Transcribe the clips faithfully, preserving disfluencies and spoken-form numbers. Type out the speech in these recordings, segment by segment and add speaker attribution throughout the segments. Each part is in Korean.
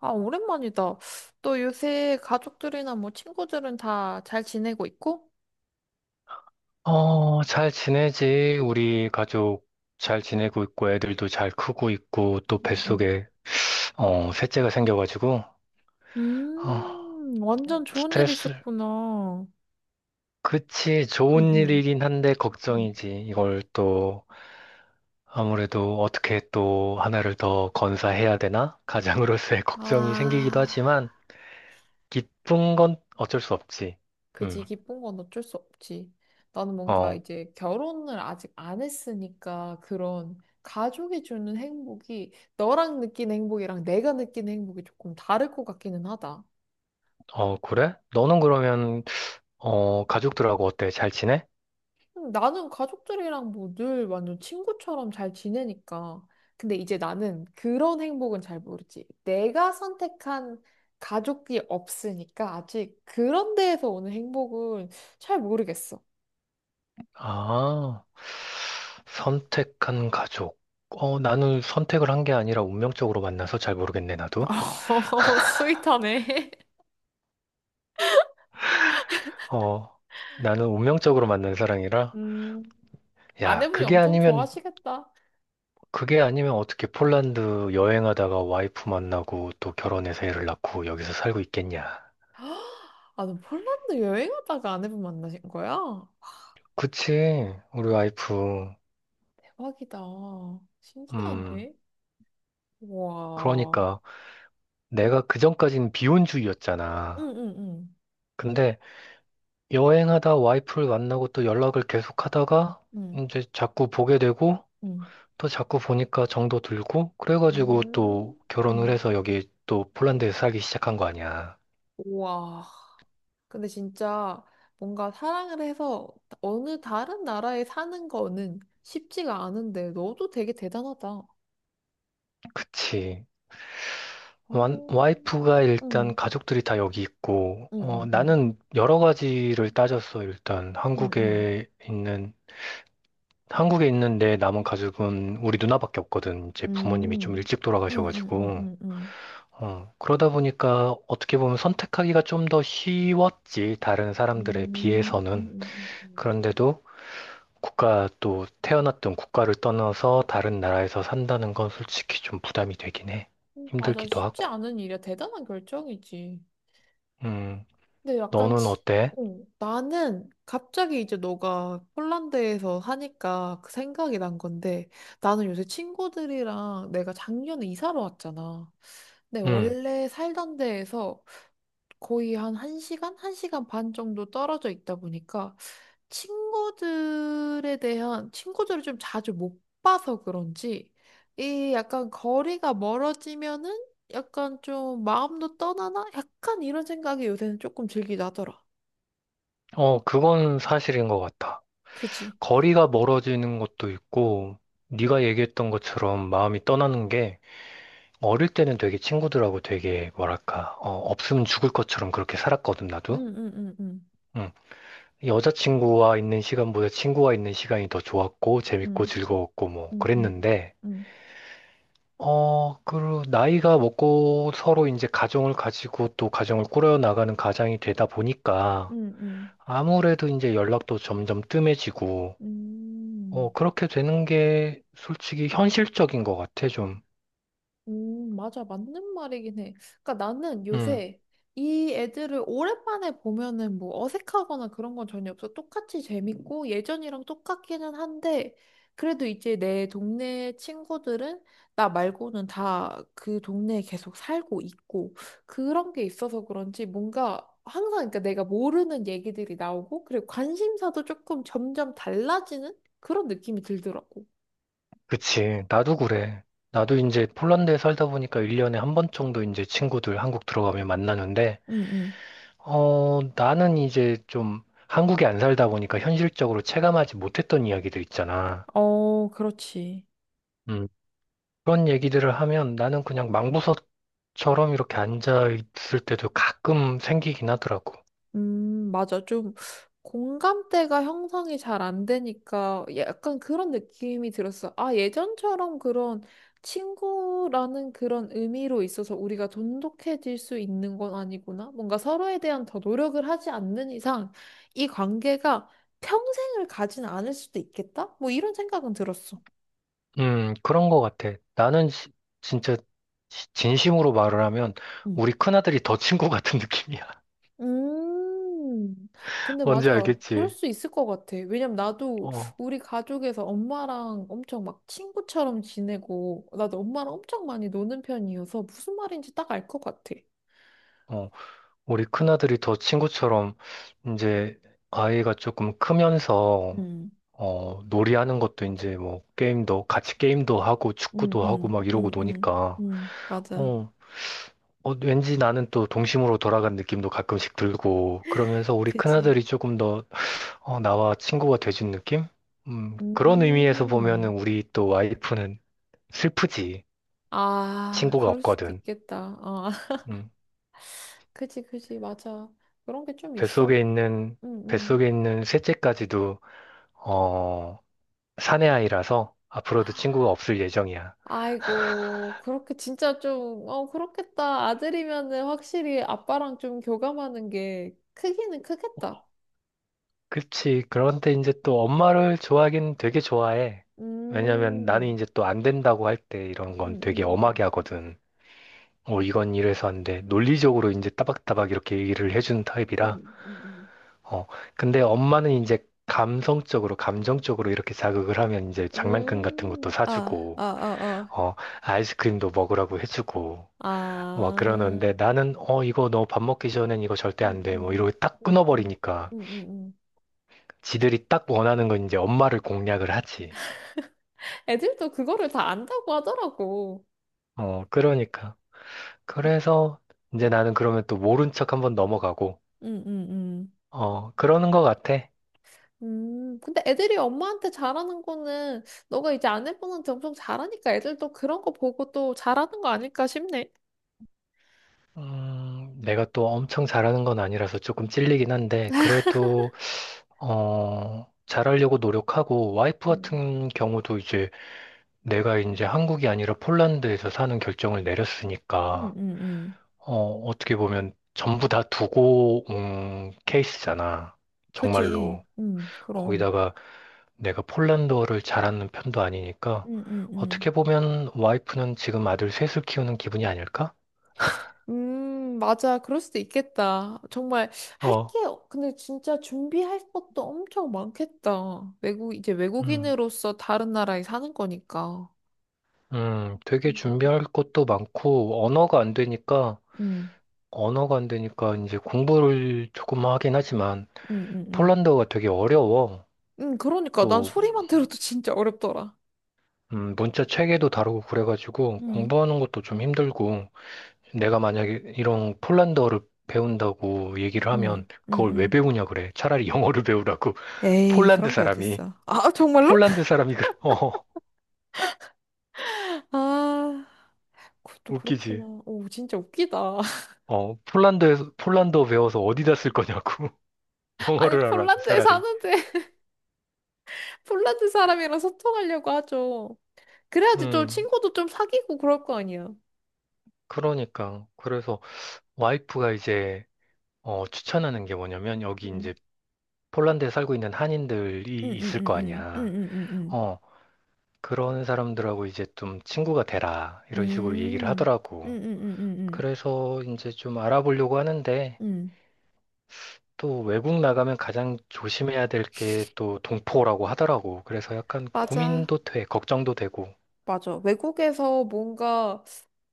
Speaker 1: 아, 오랜만이다. 또 요새 가족들이나 뭐 친구들은 다 잘 지내고 있고?
Speaker 2: 어, 잘 지내지. 우리 가족 잘 지내고 있고, 애들도 잘 크고 있고, 또
Speaker 1: 응, 응.
Speaker 2: 뱃속에, 어, 셋째가 생겨가지고, 어,
Speaker 1: 음, 완전 좋은 일
Speaker 2: 스트레스.
Speaker 1: 있었구나.
Speaker 2: 그치,
Speaker 1: 응,
Speaker 2: 좋은
Speaker 1: 응.
Speaker 2: 일이긴 한데,
Speaker 1: 응.
Speaker 2: 걱정이지. 이걸 또, 아무래도 어떻게 또 하나를 더 건사해야 되나? 가장으로서의 걱정이 생기기도
Speaker 1: 아,
Speaker 2: 하지만, 기쁜 건 어쩔 수 없지. 음,
Speaker 1: 그지. 기쁜 건 어쩔 수 없지. 나는 뭔가
Speaker 2: 어,
Speaker 1: 이제 결혼을 아직 안 했으니까 그런 가족이 주는 행복이 너랑 느끼는 행복이랑 내가 느끼는 행복이 조금 다를 것 같기는 하다.
Speaker 2: 어, 그래? 너는 그러면, 어, 가족들하고 어때? 잘 지내?
Speaker 1: 나는 가족들이랑 뭐 늘 완전 친구처럼 잘 지내니까. 근데 이제 나는 그런 행복은 잘 모르지. 내가 선택한 가족이 없으니까 아직 그런 데에서 오는 행복은 잘 모르겠어.
Speaker 2: 아, 선택한 가족. 어, 나는 선택을 한 게 아니라 운명적으로 만나서 잘 모르겠네, 나도.
Speaker 1: 어, 스윗하네.
Speaker 2: 어, 나는 운명적으로 만난 사람이라,
Speaker 1: 음,
Speaker 2: 야,
Speaker 1: 아내분이
Speaker 2: 그게
Speaker 1: 엄청
Speaker 2: 아니면,
Speaker 1: 좋아하시겠다.
Speaker 2: 그게 아니면 어떻게 폴란드 여행하다가 와이프 만나고 또 결혼해서 애를 낳고 여기서 살고 있겠냐.
Speaker 1: 아, 너 폴란드 여행하다가 아내분 만나신 거야?
Speaker 2: 그치, 우리 와이프.
Speaker 1: 대박이다.
Speaker 2: 음,
Speaker 1: 신기하네. 와.
Speaker 2: 그러니까 내가 그전까진
Speaker 1: 응,
Speaker 2: 비혼주의였잖아.
Speaker 1: 응, 응.
Speaker 2: 근데 여행하다 와이프를 만나고 또 연락을 계속 하다가
Speaker 1: 응,
Speaker 2: 이제 자꾸 보게 되고
Speaker 1: 응.
Speaker 2: 또 자꾸 보니까 정도 들고 그래가지고 또
Speaker 1: 음.
Speaker 2: 결혼을
Speaker 1: 음.
Speaker 2: 해서 여기 또 폴란드에서 살기 시작한 거 아니야.
Speaker 1: 우와. 근데 진짜 뭔가 사랑을 해서 어느 다른 나라에 사는 거는 쉽지가 않은데 너도 되게 대단하다.
Speaker 2: 그치.
Speaker 1: 어.
Speaker 2: 완- 와이프가 일단
Speaker 1: 응.
Speaker 2: 가족들이 다 여기 있고
Speaker 1: 응,
Speaker 2: 어,
Speaker 1: 응, 응.
Speaker 2: 나는 여러 가지를 따졌어. 일단
Speaker 1: 응, 응.
Speaker 2: 한국에 있는 한국에 있는 내 남은 가족은 우리 누나밖에 없거든. 이제 부모님이 좀
Speaker 1: 음.
Speaker 2: 일찍
Speaker 1: 응, 응, 응,
Speaker 2: 돌아가셔가지고.
Speaker 1: 응, 응.
Speaker 2: 어, 그러다 보니까 어떻게 보면 선택하기가 좀 더 쉬웠지, 다른 사람들에
Speaker 1: 음. 음,
Speaker 2: 비해서는.
Speaker 1: 음, 음,
Speaker 2: 그런데도 국가 또 태어났던 국가를 떠나서 다른 나라에서 산다는 건 솔직히 좀 부담이 되긴 해.
Speaker 1: 음. 맞아.
Speaker 2: 힘들기도
Speaker 1: 쉽지
Speaker 2: 하고.
Speaker 1: 않은 일이야. 대단한 결정이지.
Speaker 2: 음,
Speaker 1: 근데 약간
Speaker 2: 너는
Speaker 1: 치...
Speaker 2: 어때?
Speaker 1: 어, 나는 갑자기 이제 너가 폴란드에서 하니까 그 생각이 난 건데 나는 요새 친구들이랑 내가 작년에 이사를 왔잖아. 네,
Speaker 2: 음,
Speaker 1: 원래 살던 데에서 거의 한 1시간, 한 시간 반 정도 떨어져 있다 보니까 친구들에 대한 친구들을 좀 자주 못 봐서 그런지 이 약간 거리가 멀어지면은 약간 좀 마음도 떠나나? 약간 이런 생각이 요새는 조금 들긴 하더라.
Speaker 2: 어, 그건 사실인 것 같아.
Speaker 1: 그지?
Speaker 2: 거리가 멀어지는 것도 있고, 네가 얘기했던 것처럼 마음이 떠나는 게 어릴 때는 되게 친구들하고 되게 뭐랄까, 어, 없으면 죽을 것처럼 그렇게 살았거든, 나도.
Speaker 1: 응, 응, 응, 응,
Speaker 2: 음, 여자친구와 있는 시간보다 친구와 있는 시간이 더 좋았고, 재밌고,
Speaker 1: 응,
Speaker 2: 즐거웠고, 뭐,
Speaker 1: 응, 응,
Speaker 2: 그랬는데,
Speaker 1: 응,
Speaker 2: 어, 그, 나이가 먹고 서로 이제 가정을 가지고 또 가정을 꾸려 나가는 가장이 되다 보니까,
Speaker 1: 응, 응,
Speaker 2: 아무래도 이제 연락도 점점 뜸해지고,
Speaker 1: 응.
Speaker 2: 어, 그렇게 되는 게 솔직히 현실적인 것 같아, 좀.
Speaker 1: 음, 맞아. 맞는 말이긴 해. 그러니까 나는
Speaker 2: 음
Speaker 1: 요새 이 애들을 오랜만에 보면은 뭐 어색하거나 그런 건 전혀 없어. 똑같이 재밌고 예전이랑 똑같기는 한데 그래도 이제 내 동네 친구들은 나 말고는 다 그 동네에 계속 살고 있고 그런 게 있어서 그런지 뭔가 항상 그러니까 내가 모르는 얘기들이 나오고 그리고 관심사도 조금 점점 달라지는 그런 느낌이 들더라고.
Speaker 2: 그치. 나도 그래. 나도 이제 폴란드에 살다 보니까 일 년에 한 번 정도 이제 친구들 한국 들어가면 만나는데,
Speaker 1: 응, 응.
Speaker 2: 어, 나는 이제 좀 한국에 안 살다 보니까 현실적으로 체감하지 못했던 이야기들 있잖아.
Speaker 1: 어, 그렇지.
Speaker 2: 음, 그런 얘기들을 하면 나는 그냥 망부서처럼 이렇게 앉아 있을 때도 가끔 생기긴 하더라고.
Speaker 1: 음, 맞아. 좀 공감대가 형성이 잘 안 되니까 약간 그런 느낌이 들었어. 아, 예전처럼 그런 친구라는 그런 의미로 있어서 우리가 돈독해질 수 있는 건 아니구나. 뭔가 서로에 대한 더 노력을 하지 않는 이상 이 관계가 평생을 가진 않을 수도 있겠다? 뭐 이런 생각은 들었어.
Speaker 2: 음, 그런 거 같아. 나는 시- 진짜 시- 진심으로 말을 하면
Speaker 1: 음.
Speaker 2: 우리 큰아들이 더 친구 같은 느낌이야.
Speaker 1: 음, 근데
Speaker 2: 뭔지
Speaker 1: 맞아. 그럴
Speaker 2: 알겠지?
Speaker 1: 수 있을 것 같아. 왜냐면 나도
Speaker 2: 어,
Speaker 1: 우리 가족에서 엄마랑 엄청 막 친구처럼 지내고, 나도 엄마랑 엄청 많이 노는 편이어서 무슨 말인지 딱 알 것 같아.
Speaker 2: 어. 우리 큰아들이 더 친구처럼 이제 아이가 조금 크면서
Speaker 1: 음,
Speaker 2: 어, 놀이하는 것도 이제 뭐 게임도 같이 게임도 하고
Speaker 1: 음,
Speaker 2: 축구도 하고
Speaker 1: 음,
Speaker 2: 막 이러고
Speaker 1: 음, 음,
Speaker 2: 노니까
Speaker 1: 음, 맞아.
Speaker 2: 어, 어, 왠지 나는 또 동심으로 돌아간 느낌도 가끔씩 들고 그러면서 우리
Speaker 1: 그지.
Speaker 2: 큰아들이 조금 더 어, 나와 친구가 돼준 느낌? 음, 그런 의미에서 보면은
Speaker 1: 음,
Speaker 2: 우리 또 와이프는 슬프지.
Speaker 1: 아,
Speaker 2: 친구가
Speaker 1: 그럴 수도
Speaker 2: 없거든.
Speaker 1: 있겠다. 아,
Speaker 2: 음,
Speaker 1: 그지, 그지, 맞아. 그런 게 좀
Speaker 2: 뱃속에
Speaker 1: 있어.
Speaker 2: 있는
Speaker 1: 응, 응.
Speaker 2: 뱃속에 있는 셋째까지도 어, 사내 아이라서 앞으로도 친구가 없을 예정이야.
Speaker 1: 아이고, 그렇게 진짜 좀, 어, 그렇겠다. 아들이면은 확실히 아빠랑 좀 교감하는 게 크기는 크겠다.
Speaker 2: 그치. 그런데 이제 또 엄마를 좋아하긴 되게 좋아해. 왜냐면 나는
Speaker 1: 음,
Speaker 2: 이제 또 안 된다고 할 때 이런
Speaker 1: 음,
Speaker 2: 건 되게 엄하게
Speaker 1: 음,
Speaker 2: 하거든. 어, 이건 이래서 안 돼. 논리적으로 이제 따박따박 이렇게 얘기를 해주는
Speaker 1: 음,
Speaker 2: 타입이라.
Speaker 1: 음, 음,
Speaker 2: 어, 근데 엄마는 이제 감성적으로, 감정적으로 이렇게 자극을 하면 이제
Speaker 1: 음,
Speaker 2: 장난감 같은
Speaker 1: 음.
Speaker 2: 것도
Speaker 1: 음, 아, 아,
Speaker 2: 사주고,
Speaker 1: 아,
Speaker 2: 어, 아이스크림도 먹으라고 해주고, 막
Speaker 1: 아, 아,
Speaker 2: 그러는데 나는, 어, 이거 너 밥 먹기 전엔 이거 절대
Speaker 1: 음,
Speaker 2: 안 돼. 뭐
Speaker 1: 음,
Speaker 2: 이러고 딱
Speaker 1: 음, 음,
Speaker 2: 끊어버리니까.
Speaker 1: 음, 음. 음.
Speaker 2: 지들이 딱 원하는 건 이제 엄마를 공략을 하지.
Speaker 1: 애들도 그거를 다 안다고 하더라고.
Speaker 2: 어, 그러니까. 그래서 이제 나는 그러면 또 모른 척 한번 넘어가고,
Speaker 1: 음, 음, 음.
Speaker 2: 어, 그러는 것 같아.
Speaker 1: 음, 근데 애들이 엄마한테 잘하는 거는 너가 이제 아내분한테 엄청 잘하니까 애들도 그런 거 보고 또 잘하는 거 아닐까 싶네.
Speaker 2: 음, 내가 또 엄청 잘하는 건 아니라서 조금 찔리긴 한데, 그래도, 어, 잘하려고 노력하고, 와이프
Speaker 1: 음,
Speaker 2: 같은 경우도 이제 내가 이제 한국이 아니라 폴란드에서 사는 결정을
Speaker 1: 음,
Speaker 2: 내렸으니까,
Speaker 1: 음, 음.
Speaker 2: 어, 어떻게 보면 전부 다 두고 온 케이스잖아.
Speaker 1: 그지?
Speaker 2: 정말로.
Speaker 1: 음, 그럼.
Speaker 2: 거기다가 내가 폴란드어를 잘하는 편도 아니니까
Speaker 1: 음, 음, 음.
Speaker 2: 어떻게 보면 와이프는 지금 아들 셋을 키우는 기분이 아닐까?
Speaker 1: 음, 맞아. 그럴 수도 있겠다. 정말 할
Speaker 2: 어,
Speaker 1: 게, 근데 진짜 준비할 것도 엄청 많겠다. 외국, 이제
Speaker 2: 음,
Speaker 1: 외국인으로서 다른 나라에 사는 거니까.
Speaker 2: 음, 되게
Speaker 1: 음,
Speaker 2: 준비할 것도 많고 언어가 안 되니까
Speaker 1: 음,
Speaker 2: 언어가 안 되니까 이제 공부를 조금 하긴 하지만
Speaker 1: 음, 음.
Speaker 2: 폴란드어가 되게 어려워.
Speaker 1: 음, 그러니까 난
Speaker 2: 또
Speaker 1: 소리만 들어도 진짜 어렵더라.
Speaker 2: 음, 문자 체계도 다르고 그래가지고
Speaker 1: 음.
Speaker 2: 공부하는 것도 좀 힘들고 내가 만약에 이런 폴란드어를 배운다고 얘기를 하면
Speaker 1: 응, 응,
Speaker 2: 그걸 왜
Speaker 1: 응.
Speaker 2: 배우냐 그래. 차라리 영어를 배우라고
Speaker 1: 에이,
Speaker 2: 폴란드
Speaker 1: 그런 게
Speaker 2: 사람이.
Speaker 1: 어딨어. 아, 정말로?
Speaker 2: 폴란드 사람이 그래. 어,
Speaker 1: 아, 그것도
Speaker 2: 웃기지.
Speaker 1: 그렇구나. 오, 진짜 웃기다.
Speaker 2: 어, 폴란드에서, 폴란드어 배워서 어디다 쓸 거냐고.
Speaker 1: 아니,
Speaker 2: 영어를 하라고,
Speaker 1: 폴란드에
Speaker 2: 차라리.
Speaker 1: 사는데, 폴란드 사람이랑 소통하려고 하죠. 그래야지 좀
Speaker 2: 음,
Speaker 1: 친구도 좀 사귀고 그럴 거 아니야.
Speaker 2: 그러니까. 그래서 와이프가 이제, 어, 추천하는 게 뭐냐면, 여기
Speaker 1: 응,
Speaker 2: 이제 폴란드에 살고 있는
Speaker 1: 응,
Speaker 2: 한인들이
Speaker 1: 응,
Speaker 2: 있을
Speaker 1: 응,
Speaker 2: 거
Speaker 1: 응,
Speaker 2: 아니야.
Speaker 1: 응, 응,
Speaker 2: 어, 그런 사람들하고 이제 좀 친구가 되라. 이런 식으로 얘기를
Speaker 1: 응, 응,
Speaker 2: 하더라고.
Speaker 1: 응, 응, 응, 응, 응, 응,
Speaker 2: 그래서 이제 좀 알아보려고 하는데,
Speaker 1: 응.
Speaker 2: 또 외국 나가면 가장 조심해야 될 게 또 동포라고 하더라고. 그래서 약간
Speaker 1: 맞아.
Speaker 2: 고민도 돼, 걱정도 되고.
Speaker 1: 맞아. 외국에서 뭔가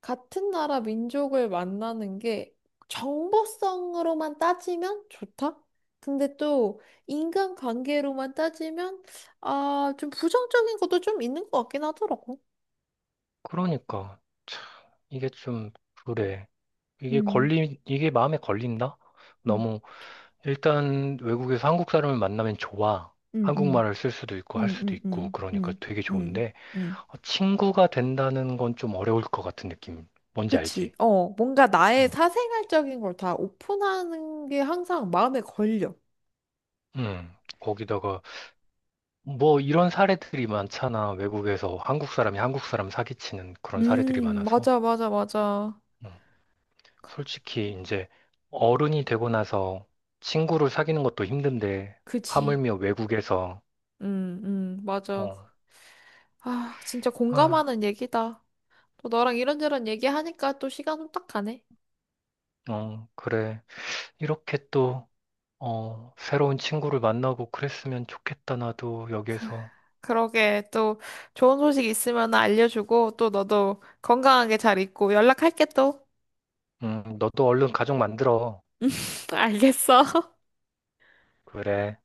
Speaker 1: 같은 나라 민족을 만나는 게 정보성으로만 따지면 좋다? 근데 또 인간관계로만 따지면 아, 좀 부정적인 것도 좀 있는 것 같긴 하더라고.
Speaker 2: 그러니까 참 이게 좀 그래. 이게
Speaker 1: 음,
Speaker 2: 걸리 이게 마음에 걸린다?
Speaker 1: 음,
Speaker 2: 너무 일단 외국에서 한국 사람을 만나면 좋아.
Speaker 1: 음, 음,
Speaker 2: 한국말을 쓸 수도 있고 할
Speaker 1: 음,
Speaker 2: 수도 있고
Speaker 1: 음,
Speaker 2: 그러니까
Speaker 1: 음,
Speaker 2: 되게
Speaker 1: 음,
Speaker 2: 좋은데
Speaker 1: 음.
Speaker 2: 어, 친구가 된다는 건 좀 어려울 것 같은 느낌. 뭔지
Speaker 1: 그치.
Speaker 2: 알지?
Speaker 1: 어, 뭔가 나의
Speaker 2: 응.
Speaker 1: 사생활적인 걸 다 오픈하는 게 항상 마음에 걸려.
Speaker 2: 응. 거기다가 뭐 이런 사례들이 많잖아. 외국에서 한국 사람이 한국 사람 사기치는 그런 사례들이
Speaker 1: 음,
Speaker 2: 많아서.
Speaker 1: 맞아, 맞아, 맞아.
Speaker 2: 음. 솔직히 이제 어른이 되고 나서 친구를 사귀는 것도 힘든데
Speaker 1: 그치.
Speaker 2: 하물며 외국에서
Speaker 1: 음, 음, 맞아.
Speaker 2: 어,
Speaker 1: 아, 진짜
Speaker 2: 아,
Speaker 1: 공감하는 얘기다. 또 너랑 이런저런 얘기하니까 또 시간 후딱 가네.
Speaker 2: 어, 그래. 이렇게 또 어, 새로운 친구를 만나고 그랬으면 좋겠다. 나도 여기에서.
Speaker 1: 그러게, 또 좋은 소식 있으면 알려주고, 또 너도 건강하게 잘 있고 연락할게 또.
Speaker 2: 음, 너도 얼른 가족 만들어.
Speaker 1: 알겠어.
Speaker 2: 그래.